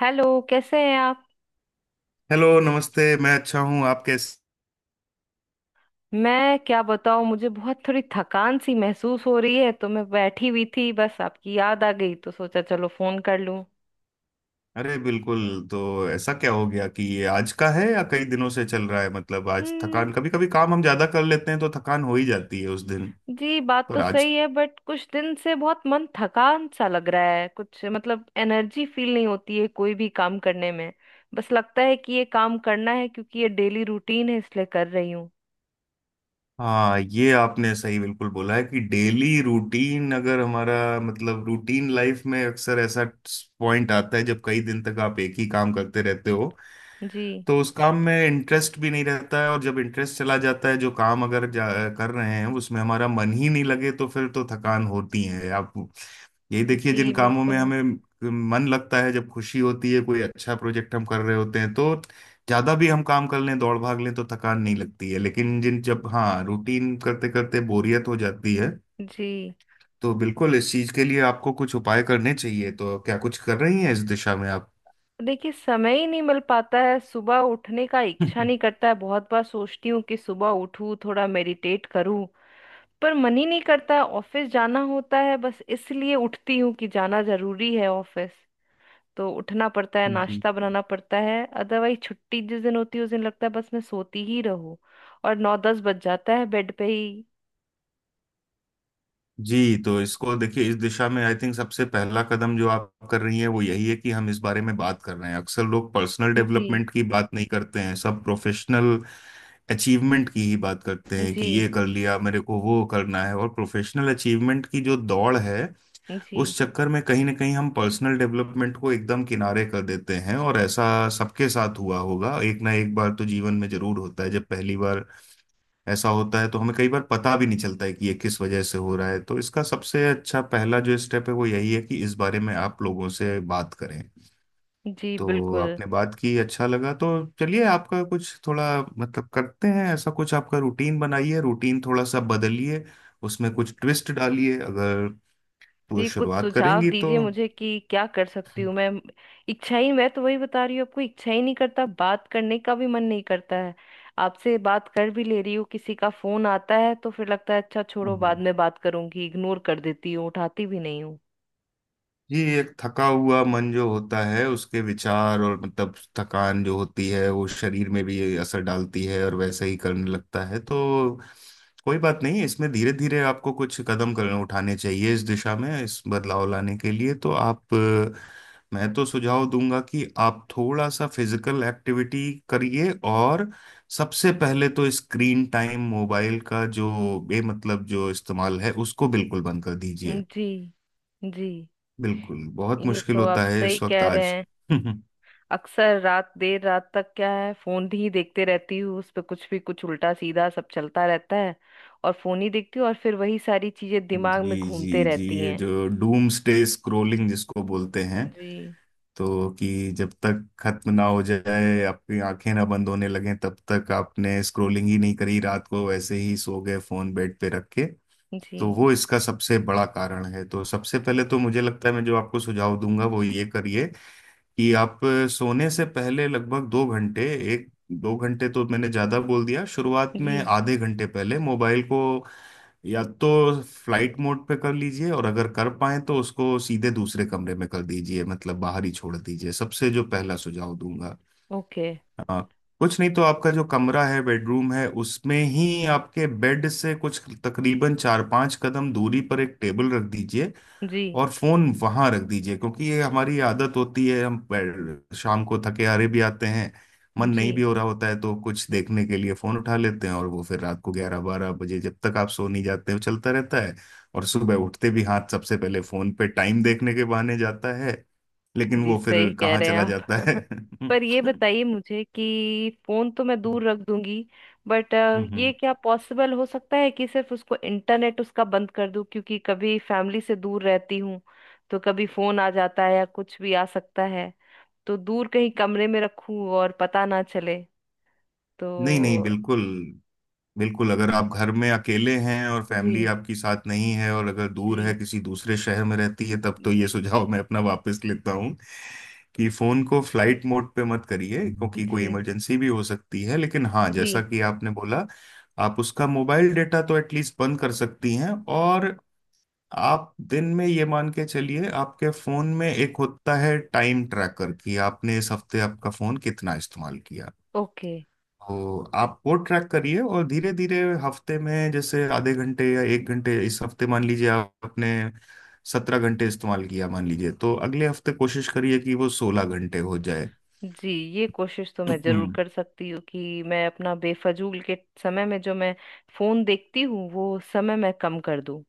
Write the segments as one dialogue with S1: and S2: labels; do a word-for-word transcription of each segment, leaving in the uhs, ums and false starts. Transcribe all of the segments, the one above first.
S1: Hello. कैसे हैं आप।
S2: हेलो, नमस्ते। मैं अच्छा हूँ। आप कैसे?
S1: मैं क्या बताऊं, मुझे बहुत थोड़ी थकान सी महसूस हो रही है, तो मैं बैठी हुई थी, बस आपकी याद आ गई तो सोचा चलो फोन कर लूं।
S2: अरे बिल्कुल। तो ऐसा क्या हो गया कि ये आज का है या कई दिनों से चल रहा है? मतलब आज
S1: हम्म।
S2: थकान, कभी कभी काम हम ज्यादा कर लेते हैं तो थकान हो ही जाती है उस दिन।
S1: जी बात तो
S2: पर आज?
S1: सही है, बट कुछ दिन से बहुत मन थकान सा लग रहा है, कुछ मतलब एनर्जी फील नहीं होती है कोई भी काम करने में। बस लगता है कि ये काम करना है क्योंकि ये डेली रूटीन है इसलिए कर रही हूँ।
S2: हाँ, ये आपने सही बिल्कुल बोला है कि डेली रूटीन अगर हमारा मतलब रूटीन लाइफ में अक्सर ऐसा पॉइंट आता है जब कई दिन तक आप एक ही काम करते रहते हो।
S1: जी।
S2: तो उस काम में इंटरेस्ट भी नहीं रहता है, और जब इंटरेस्ट चला जाता है, जो काम अगर जा, कर रहे हैं उसमें हमारा मन ही नहीं लगे तो फिर तो थकान होती है आप। यही देखिए,
S1: जी
S2: जिन कामों में
S1: बिल्कुल।
S2: हमें मन लगता है, जब खुशी होती है, कोई अच्छा प्रोजेक्ट हम कर रहे होते हैं, तो ज्यादा भी हम काम कर लें दौड़ भाग लें तो थकान नहीं लगती है। लेकिन जिन जब हाँ रूटीन करते करते बोरियत हो जाती है
S1: जी
S2: तो बिल्कुल इस चीज के लिए आपको कुछ उपाय करने चाहिए। तो क्या कुछ कर रही हैं इस दिशा में आप?
S1: देखिए, समय ही नहीं मिल पाता है। सुबह उठने का इच्छा नहीं करता है। बहुत बार सोचती हूँ कि सुबह उठूँ, थोड़ा मेडिटेट करूँ, पर मन ही नहीं करता। ऑफिस जाना होता है बस इसलिए उठती हूँ कि जाना जरूरी है ऑफिस, तो उठना पड़ता है,
S2: जी,
S1: नाश्ता बनाना पड़ता है। अदरवाइज छुट्टी जिस दिन होती है उस दिन लगता है बस मैं सोती ही रहूँ। और नौ दस बज जाता है बेड पे ही।
S2: जी। तो इसको देखिए, इस दिशा में आई थिंक सबसे पहला कदम जो आप कर रही हैं वो यही है कि हम इस बारे में बात कर रहे हैं। अक्सर लोग पर्सनल
S1: जी।
S2: डेवलपमेंट की बात नहीं करते हैं, सब प्रोफेशनल अचीवमेंट की ही बात करते हैं
S1: जी।
S2: कि ये कर लिया, मेरे को वो करना है। और प्रोफेशनल अचीवमेंट की जो दौड़ है
S1: जी
S2: उस चक्कर में कहीं ना कहीं हम पर्सनल डेवलपमेंट को एकदम किनारे कर देते हैं। और ऐसा सबके साथ हुआ होगा, एक ना एक बार तो जीवन में जरूर होता है। जब पहली बार ऐसा होता है तो हमें कई बार पता भी नहीं चलता है कि ये किस वजह से हो रहा है। तो इसका सबसे अच्छा पहला जो स्टेप है वो यही है कि इस बारे में आप लोगों से बात करें।
S1: जी
S2: तो
S1: बिल्कुल।
S2: आपने बात की, अच्छा लगा। तो चलिए, आपका कुछ थोड़ा मतलब करते हैं ऐसा कुछ। आपका रूटीन बनाइए, रूटीन थोड़ा सा बदलिए, उसमें कुछ ट्विस्ट डालिए। अगर वो
S1: जी कुछ
S2: शुरुआत
S1: सुझाव
S2: करेंगी तो।
S1: दीजिए मुझे कि क्या कर सकती हूँ मैं। इच्छा ही, मैं तो वही बता रही हूँ आपको, इच्छा ही नहीं करता, बात करने का भी मन नहीं करता है। आपसे बात कर भी ले रही हूँ, किसी का फोन आता है तो फिर लगता है अच्छा छोड़ो बाद
S2: हम्म।
S1: में बात करूंगी, इग्नोर कर देती हूँ, उठाती भी नहीं हूँ।
S2: जी। एक थका हुआ मन जो होता है उसके विचार और मतलब थकान जो होती है वो शरीर में भी असर डालती है, और वैसे ही करने लगता है। तो कोई बात नहीं, इसमें धीरे धीरे आपको कुछ कदम करने उठाने चाहिए इस दिशा में, इस बदलाव लाने के लिए। तो आप अ, मैं तो सुझाव दूंगा कि आप थोड़ा सा फिजिकल एक्टिविटी करिए। और सबसे पहले तो स्क्रीन टाइम, मोबाइल का जो बेमतलब जो इस्तेमाल है उसको बिल्कुल बंद कर दीजिए।
S1: जी। जी
S2: बिल्कुल, बहुत
S1: ये
S2: मुश्किल
S1: तो
S2: होता
S1: आप
S2: है
S1: सही
S2: इस वक्त
S1: कह रहे
S2: आज।
S1: हैं। अक्सर रात, देर रात तक क्या है, फोन ही देखते रहती हूँ, उस पे कुछ भी, कुछ उल्टा सीधा सब चलता रहता है। और फोन ही देखती हूँ और फिर वही सारी चीजें दिमाग में
S2: जी,
S1: घूमते
S2: जी, जी,
S1: रहती
S2: ये
S1: हैं।
S2: जो डूम्सडे स्क्रोलिंग जिसको बोलते हैं,
S1: जी।
S2: तो कि जब तक खत्म ना हो जाए, आपकी आंखें ना बंद होने लगें तब तक आपने स्क्रोलिंग ही नहीं करी, रात को ऐसे ही सो गए फोन बेड पे रख के। तो
S1: जी
S2: वो इसका सबसे बड़ा कारण है। तो सबसे पहले तो मुझे लगता है मैं जो आपको सुझाव दूंगा वो ये करिए कि आप सोने से पहले लगभग दो घंटे, एक दो घंटे तो मैंने ज्यादा बोल दिया, शुरुआत में
S1: जी
S2: आधे घंटे पहले मोबाइल को या तो फ्लाइट मोड पे कर लीजिए। और अगर कर पाए तो उसको सीधे दूसरे कमरे में कर दीजिए, मतलब बाहर ही छोड़ दीजिए, सबसे जो पहला सुझाव दूंगा।
S1: ओके।
S2: हाँ, कुछ नहीं तो आपका जो कमरा है, बेडरूम है, उसमें ही आपके बेड से कुछ तकरीबन चार पांच कदम दूरी पर एक टेबल रख दीजिए,
S1: जी
S2: और फोन वहां रख दीजिए। क्योंकि ये हमारी आदत होती है, हम बैठ- शाम को थके हारे भी आते हैं, मन
S1: जी
S2: नहीं भी हो रहा होता है तो कुछ देखने के लिए फोन उठा लेते हैं, और वो फिर रात को ग्यारह बारह बजे जब तक आप सो नहीं जाते वो चलता रहता है। और सुबह उठते भी हाथ सबसे पहले फोन पे टाइम देखने के बहाने जाता है, लेकिन
S1: जी।
S2: वो फिर
S1: सही कह
S2: कहाँ
S1: रहे हैं
S2: चला
S1: आप।
S2: जाता है।
S1: पर ये
S2: हम्म।
S1: बताइए मुझे कि फोन तो मैं दूर रख दूंगी बट ये
S2: हम्म।
S1: क्या पॉसिबल हो सकता है कि सिर्फ उसको इंटरनेट उसका बंद कर दूं, क्योंकि कभी फैमिली से दूर रहती हूँ, तो कभी फोन आ जाता है या कुछ भी आ सकता है, तो दूर कहीं कमरे में रखूं और पता ना चले,
S2: नहीं नहीं,
S1: तो।
S2: बिल्कुल। बिल्कुल अगर आप घर में अकेले हैं और फैमिली
S1: जी।
S2: आपकी साथ नहीं है और अगर दूर है,
S1: जी।
S2: किसी दूसरे शहर में रहती है, तब तो ये
S1: जी।
S2: सुझाव मैं अपना वापस लेता हूँ कि फोन को फ्लाइट मोड पे मत करिए, क्योंकि
S1: जी
S2: कोई इमरजेंसी भी हो सकती है। लेकिन हाँ,
S1: जी
S2: जैसा कि आपने बोला, आप उसका मोबाइल डेटा तो एटलीस्ट बंद कर सकती हैं। और आप दिन में ये मान के चलिए, आपके फोन में एक होता है टाइम ट्रैकर कि आपने इस हफ्ते आपका फोन कितना इस्तेमाल किया।
S1: ओके।
S2: तो आप वो ट्रैक करिए, और धीरे धीरे हफ्ते में जैसे आधे घंटे या एक घंटे, इस हफ्ते मान लीजिए आपने सत्रह घंटे इस्तेमाल किया मान लीजिए, तो अगले हफ्ते कोशिश करिए कि वो सोलह घंटे हो जाए।
S1: जी ये कोशिश तो मैं जरूर
S2: हम्म,
S1: कर सकती हूँ कि मैं अपना बेफजूल के समय में जो मैं फोन देखती हूँ वो समय मैं कम कर दूँ।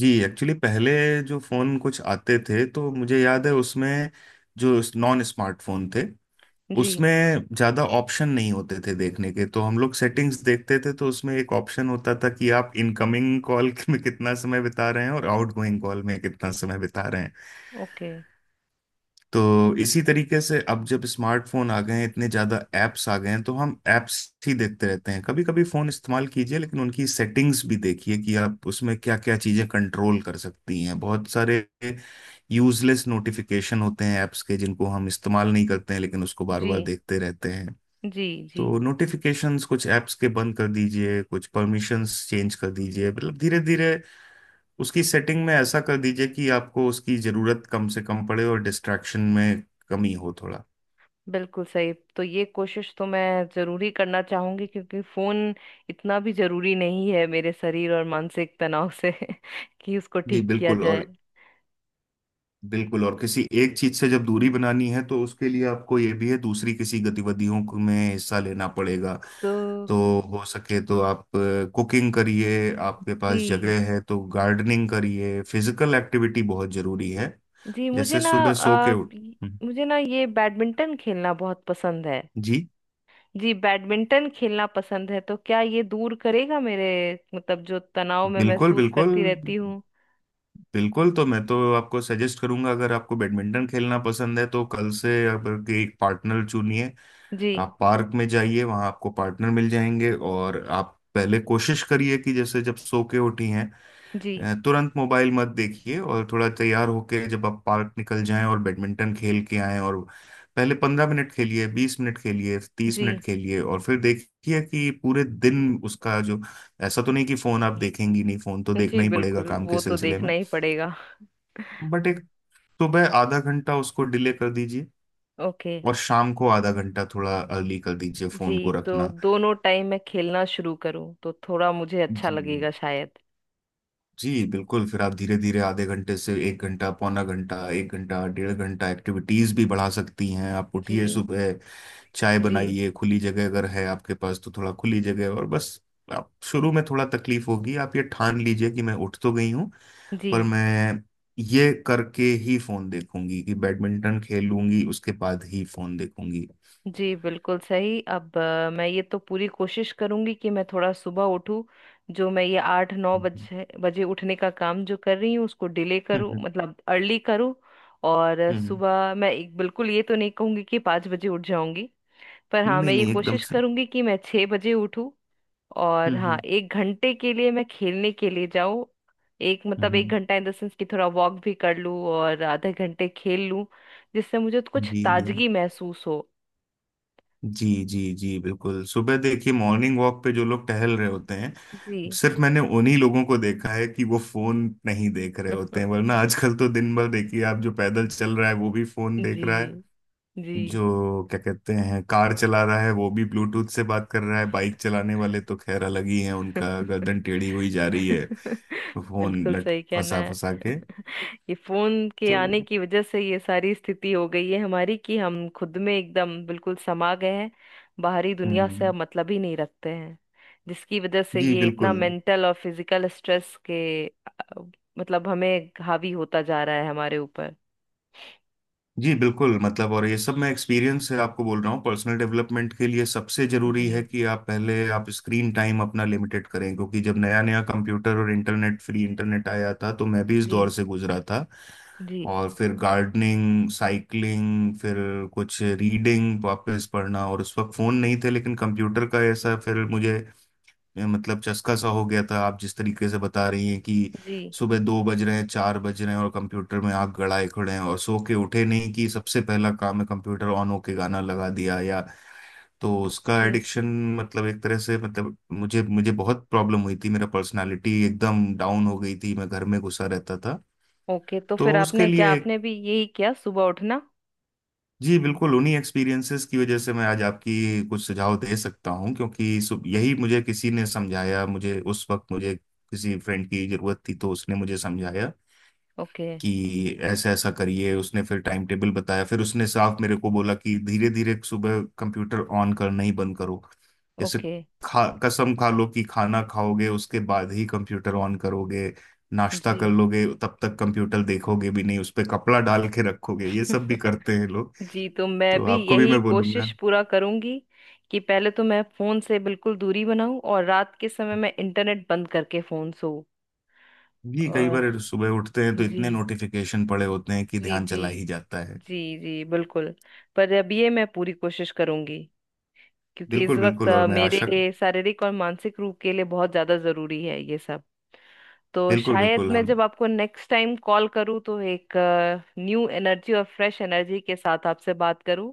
S2: जी। एक्चुअली पहले जो फोन कुछ आते थे तो मुझे याद है उसमें जो नॉन स्मार्टफोन थे,
S1: जी।
S2: उसमें ज्यादा ऑप्शन नहीं होते थे देखने के, तो हम लोग सेटिंग्स देखते थे। तो उसमें एक ऑप्शन होता था कि आप इनकमिंग कॉल में कितना समय बिता रहे हैं, और आउटगोइंग कॉल में कितना समय बिता रहे हैं।
S1: ओके।
S2: तो इसी तरीके से अब जब स्मार्टफोन आ गए हैं, इतने ज्यादा एप्स आ गए हैं, तो हम एप्स ही देखते रहते हैं। कभी कभी फोन इस्तेमाल कीजिए लेकिन उनकी सेटिंग्स भी देखिए कि आप उसमें क्या क्या चीजें कंट्रोल कर सकती हैं। बहुत सारे यूजलेस नोटिफिकेशन होते हैं एप्स के, जिनको हम इस्तेमाल नहीं करते हैं लेकिन उसको बार
S1: जी
S2: बार देखते रहते हैं।
S1: जी। जी
S2: तो नोटिफिकेशंस कुछ ऐप्स के बंद कर दीजिए, कुछ परमिशंस चेंज कर दीजिए, मतलब धीरे धीरे उसकी सेटिंग में ऐसा कर दीजिए कि आपको उसकी ज़रूरत कम से कम पड़े और डिस्ट्रैक्शन में कमी हो थोड़ा।
S1: बिल्कुल सही। तो ये कोशिश तो मैं जरूर ही करना चाहूंगी क्योंकि फोन इतना भी जरूरी नहीं है मेरे शरीर और मानसिक तनाव से कि उसको
S2: जी
S1: ठीक किया
S2: बिल्कुल।
S1: जाए।
S2: और बिल्कुल, और किसी एक चीज़ से जब दूरी बनानी है तो उसके लिए आपको ये भी है दूसरी किसी गतिविधियों को- में हिस्सा लेना पड़ेगा।
S1: तो
S2: तो हो सके तो आप कुकिंग करिए, आपके पास
S1: जी।
S2: जगह है तो गार्डनिंग करिए, फिजिकल एक्टिविटी बहुत ज़रूरी है।
S1: जी मुझे
S2: जैसे
S1: ना
S2: सुबह सो के
S1: आ,
S2: उठ।
S1: मुझे ना ये बैडमिंटन खेलना बहुत पसंद है।
S2: जी।
S1: जी बैडमिंटन खेलना पसंद है, तो क्या ये दूर करेगा मेरे, मतलब जो तनाव में
S2: बिल्कुल,
S1: महसूस
S2: बिल्कुल,
S1: करती रहती हूँ।
S2: बिल्कुल, तो मैं तो आपको सजेस्ट करूंगा, अगर आपको बैडमिंटन खेलना पसंद है तो कल से आप एक पार्टनर चुनिए।
S1: जी।
S2: आप पार्क में जाइए, वहां आपको पार्टनर मिल जाएंगे। और आप पहले कोशिश करिए कि जैसे जब सो के उठी हैं
S1: जी।
S2: अ, तुरंत मोबाइल मत देखिए। और थोड़ा तैयार होके जब आप पार्क निकल जाएं और बैडमिंटन खेल के आएं, और पहले पंद्रह मिनट खेलिए, बीस मिनट खेलिए, तीस
S1: जी
S2: मिनट खेलिए, और फिर देखिए कि पूरे दिन उसका जो। ऐसा तो नहीं कि फोन आप देखेंगी नहीं, फोन तो
S1: जी
S2: देखना ही पड़ेगा
S1: बिल्कुल
S2: काम के
S1: वो तो
S2: सिलसिले
S1: देखना
S2: में।
S1: ही पड़ेगा।
S2: बट एक सुबह आधा घंटा उसको डिले कर दीजिए,
S1: ओके।
S2: और शाम को आधा घंटा थोड़ा अर्ली कर दीजिए
S1: जी
S2: फोन को
S1: तो
S2: रखना।
S1: दोनों टाइम मैं खेलना शुरू करूँ तो थोड़ा मुझे अच्छा
S2: जी,
S1: लगेगा शायद।
S2: जी, बिल्कुल। फिर आप धीरे धीरे आधे घंटे से एक घंटा, पौना घंटा, एक घंटा, डेढ़ घंटा एक्टिविटीज भी बढ़ा सकती हैं। आप उठिए
S1: जी
S2: सुबह, चाय
S1: जी।
S2: बनाइए, खुली जगह अगर है आपके पास तो थोड़ा खुली जगह। और बस आप शुरू में थोड़ा तकलीफ होगी। आप ये ठान लीजिए कि मैं उठ तो गई हूँ,
S1: जी।
S2: पर मैं ये करके ही फोन देखूंगी कि बैडमिंटन खेलूंगी उसके बाद ही फोन देखूंगी।
S1: जी बिल्कुल सही। अब अ, मैं ये तो पूरी कोशिश करूंगी कि मैं थोड़ा सुबह उठूं। जो मैं ये आठ नौ
S2: हम्म,
S1: बजे बजे उठने का काम जो कर रही हूँ उसको डिले
S2: हम्म,
S1: करूँ,
S2: हम्म,
S1: मतलब अर्ली करूँ। और अ,
S2: हम्म।
S1: सुबह मैं एक, बिल्कुल ये तो नहीं कहूंगी कि पाँच बजे उठ जाऊंगी, पर हाँ
S2: नहीं
S1: मैं ये
S2: नहीं, एकदम
S1: कोशिश
S2: से।
S1: करूंगी कि मैं छः बजे उठूँ। और हाँ
S2: हम्म,
S1: एक घंटे के लिए मैं खेलने के लिए जाऊँ। एक
S2: हम्म,
S1: मतलब एक
S2: हम्म।
S1: घंटा इन द सेंस कि थोड़ा वॉक भी कर लूँ और आधे घंटे खेल लूँ, जिससे मुझे कुछ
S2: जी, जी,
S1: ताजगी महसूस हो।
S2: जी, जी, जी, बिल्कुल। सुबह देखिए, मॉर्निंग वॉक पे जो लोग टहल रहे होते हैं,
S1: जी।
S2: सिर्फ मैंने उन्हीं लोगों को देखा है कि वो फोन नहीं देख रहे होते हैं। वरना आजकल तो दिन भर देखिए, आप जो पैदल चल रहा है वो भी फोन देख
S1: जी
S2: रहा है,
S1: जी
S2: जो क्या कहते हैं कार चला रहा है वो भी ब्लूटूथ से बात कर रहा है। बाइक चलाने वाले तो खैर अलग ही है, उनका गर्दन टेढ़ी हुई जा रही है फोन
S1: बिल्कुल
S2: लट
S1: सही कहना
S2: फंसा
S1: है।
S2: फंसा के।
S1: ये फोन के
S2: तो
S1: आने की वजह से ये सारी स्थिति हो गई है हमारी कि हम खुद में एकदम बिल्कुल समा गए हैं, बाहरी दुनिया से अब
S2: हम्म।
S1: मतलब ही नहीं रखते हैं। जिसकी वजह से
S2: जी
S1: ये इतना
S2: बिल्कुल।
S1: मेंटल और फिजिकल स्ट्रेस के अ, मतलब हमें हावी होता जा रहा है हमारे ऊपर।
S2: जी बिल्कुल, मतलब और ये सब मैं एक्सपीरियंस से आपको बोल रहा हूँ। पर्सनल डेवलपमेंट के लिए सबसे जरूरी
S1: जी।
S2: है कि आप पहले आप स्क्रीन टाइम अपना लिमिटेड करें। क्योंकि जब नया नया कंप्यूटर और इंटरनेट, फ्री इंटरनेट आया था तो मैं भी इस
S1: जी।
S2: दौर से गुजरा था।
S1: जी
S2: और फिर गार्डनिंग, साइकिलिंग, फिर कुछ रीडिंग वापस पढ़ना। और उस वक्त फ़ोन नहीं थे, लेकिन कंप्यूटर का ऐसा फिर मुझे मतलब चस्का सा हो गया था। आप जिस तरीके से बता रही हैं कि
S1: जी
S2: सुबह दो बज रहे हैं, चार बज रहे हैं, और कंप्यूटर में आप गड़ाए खड़े हैं, और सो के उठे नहीं कि सबसे पहला काम है कंप्यूटर ऑन होके गाना लगा दिया, या तो उसका
S1: जी
S2: एडिक्शन मतलब एक तरह से मतलब मुझे मुझे बहुत प्रॉब्लम हुई थी, मेरा पर्सनालिटी एकदम डाउन हो गई थी, मैं घर में घुसा रहता था।
S1: ओके तो फिर
S2: तो उसके
S1: आपने क्या,
S2: लिए
S1: आपने भी यही किया, सुबह उठना?
S2: जी बिल्कुल, उन्हीं एक्सपीरियंसेस की वजह से मैं आज आपकी कुछ सुझाव दे सकता हूँ। क्योंकि सु- यही मुझे किसी ने समझाया, मुझे उस वक्त मुझे किसी फ्रेंड की जरूरत थी तो उसने मुझे समझाया
S1: ओके।
S2: कि ऐसा ऐसा करिए। उसने फिर टाइम टेबल बताया, फिर उसने साफ मेरे को बोला कि धीरे धीरे सुबह कंप्यूटर ऑन करना ही बंद करो। जैसे
S1: ओके।
S2: खा कसम खा लो कि खाना खाओगे उसके बाद ही कंप्यूटर ऑन करोगे, नाश्ता कर
S1: जी।
S2: लोगे तब तक कंप्यूटर देखोगे भी नहीं, उस पे कपड़ा डाल के रखोगे ये सब भी करते हैं।
S1: जी तो मैं
S2: तो
S1: भी
S2: आपको भी
S1: यही
S2: मैं बोलूंगा।
S1: कोशिश पूरा करूंगी कि पहले तो मैं फोन से बिल्कुल दूरी बनाऊं और रात के समय मैं इंटरनेट बंद करके फोन सो।
S2: जी, कई
S1: और
S2: बार सुबह उठते हैं तो
S1: जी
S2: इतने नोटिफिकेशन पड़े होते हैं कि
S1: जी
S2: ध्यान
S1: जी
S2: चला ही जाता है।
S1: जी। जी बिल्कुल। पर अब ये मैं पूरी कोशिश करूंगी क्योंकि इस
S2: बिल्कुल
S1: वक्त
S2: बिल्कुल, और
S1: अ,
S2: मैं आशा।
S1: मेरे शारीरिक और मानसिक रूप के लिए बहुत ज्यादा जरूरी है ये सब। तो
S2: बिल्कुल
S1: शायद
S2: बिल्कुल,
S1: मैं
S2: हम।
S1: जब आपको नेक्स्ट टाइम कॉल करूं तो एक न्यू एनर्जी और फ्रेश एनर्जी के साथ आपसे बात करूं।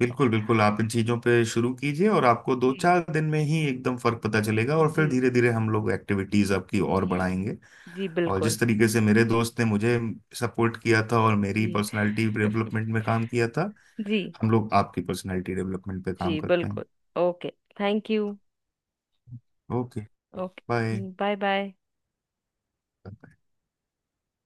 S2: बिल्कुल बिल्कुल, आप इन चीजों पे शुरू कीजिए और आपको दो
S1: जी।
S2: चार दिन में ही एकदम फर्क पता चलेगा। और
S1: जी
S2: फिर धीरे
S1: जी
S2: धीरे हम लोग एक्टिविटीज आपकी और
S1: जी
S2: बढ़ाएंगे।
S1: जी
S2: और
S1: बिल्कुल।
S2: जिस तरीके से मेरे दोस्त ने मुझे सपोर्ट किया था और मेरी
S1: जी।
S2: पर्सनालिटी डेवलपमेंट में काम किया था,
S1: जी।
S2: हम लोग आपकी पर्सनालिटी डेवलपमेंट पे काम
S1: जी
S2: करते
S1: बिल्कुल।
S2: हैं।
S1: Okay. Thank you.
S2: Okay. Bye.
S1: Okay bye bye.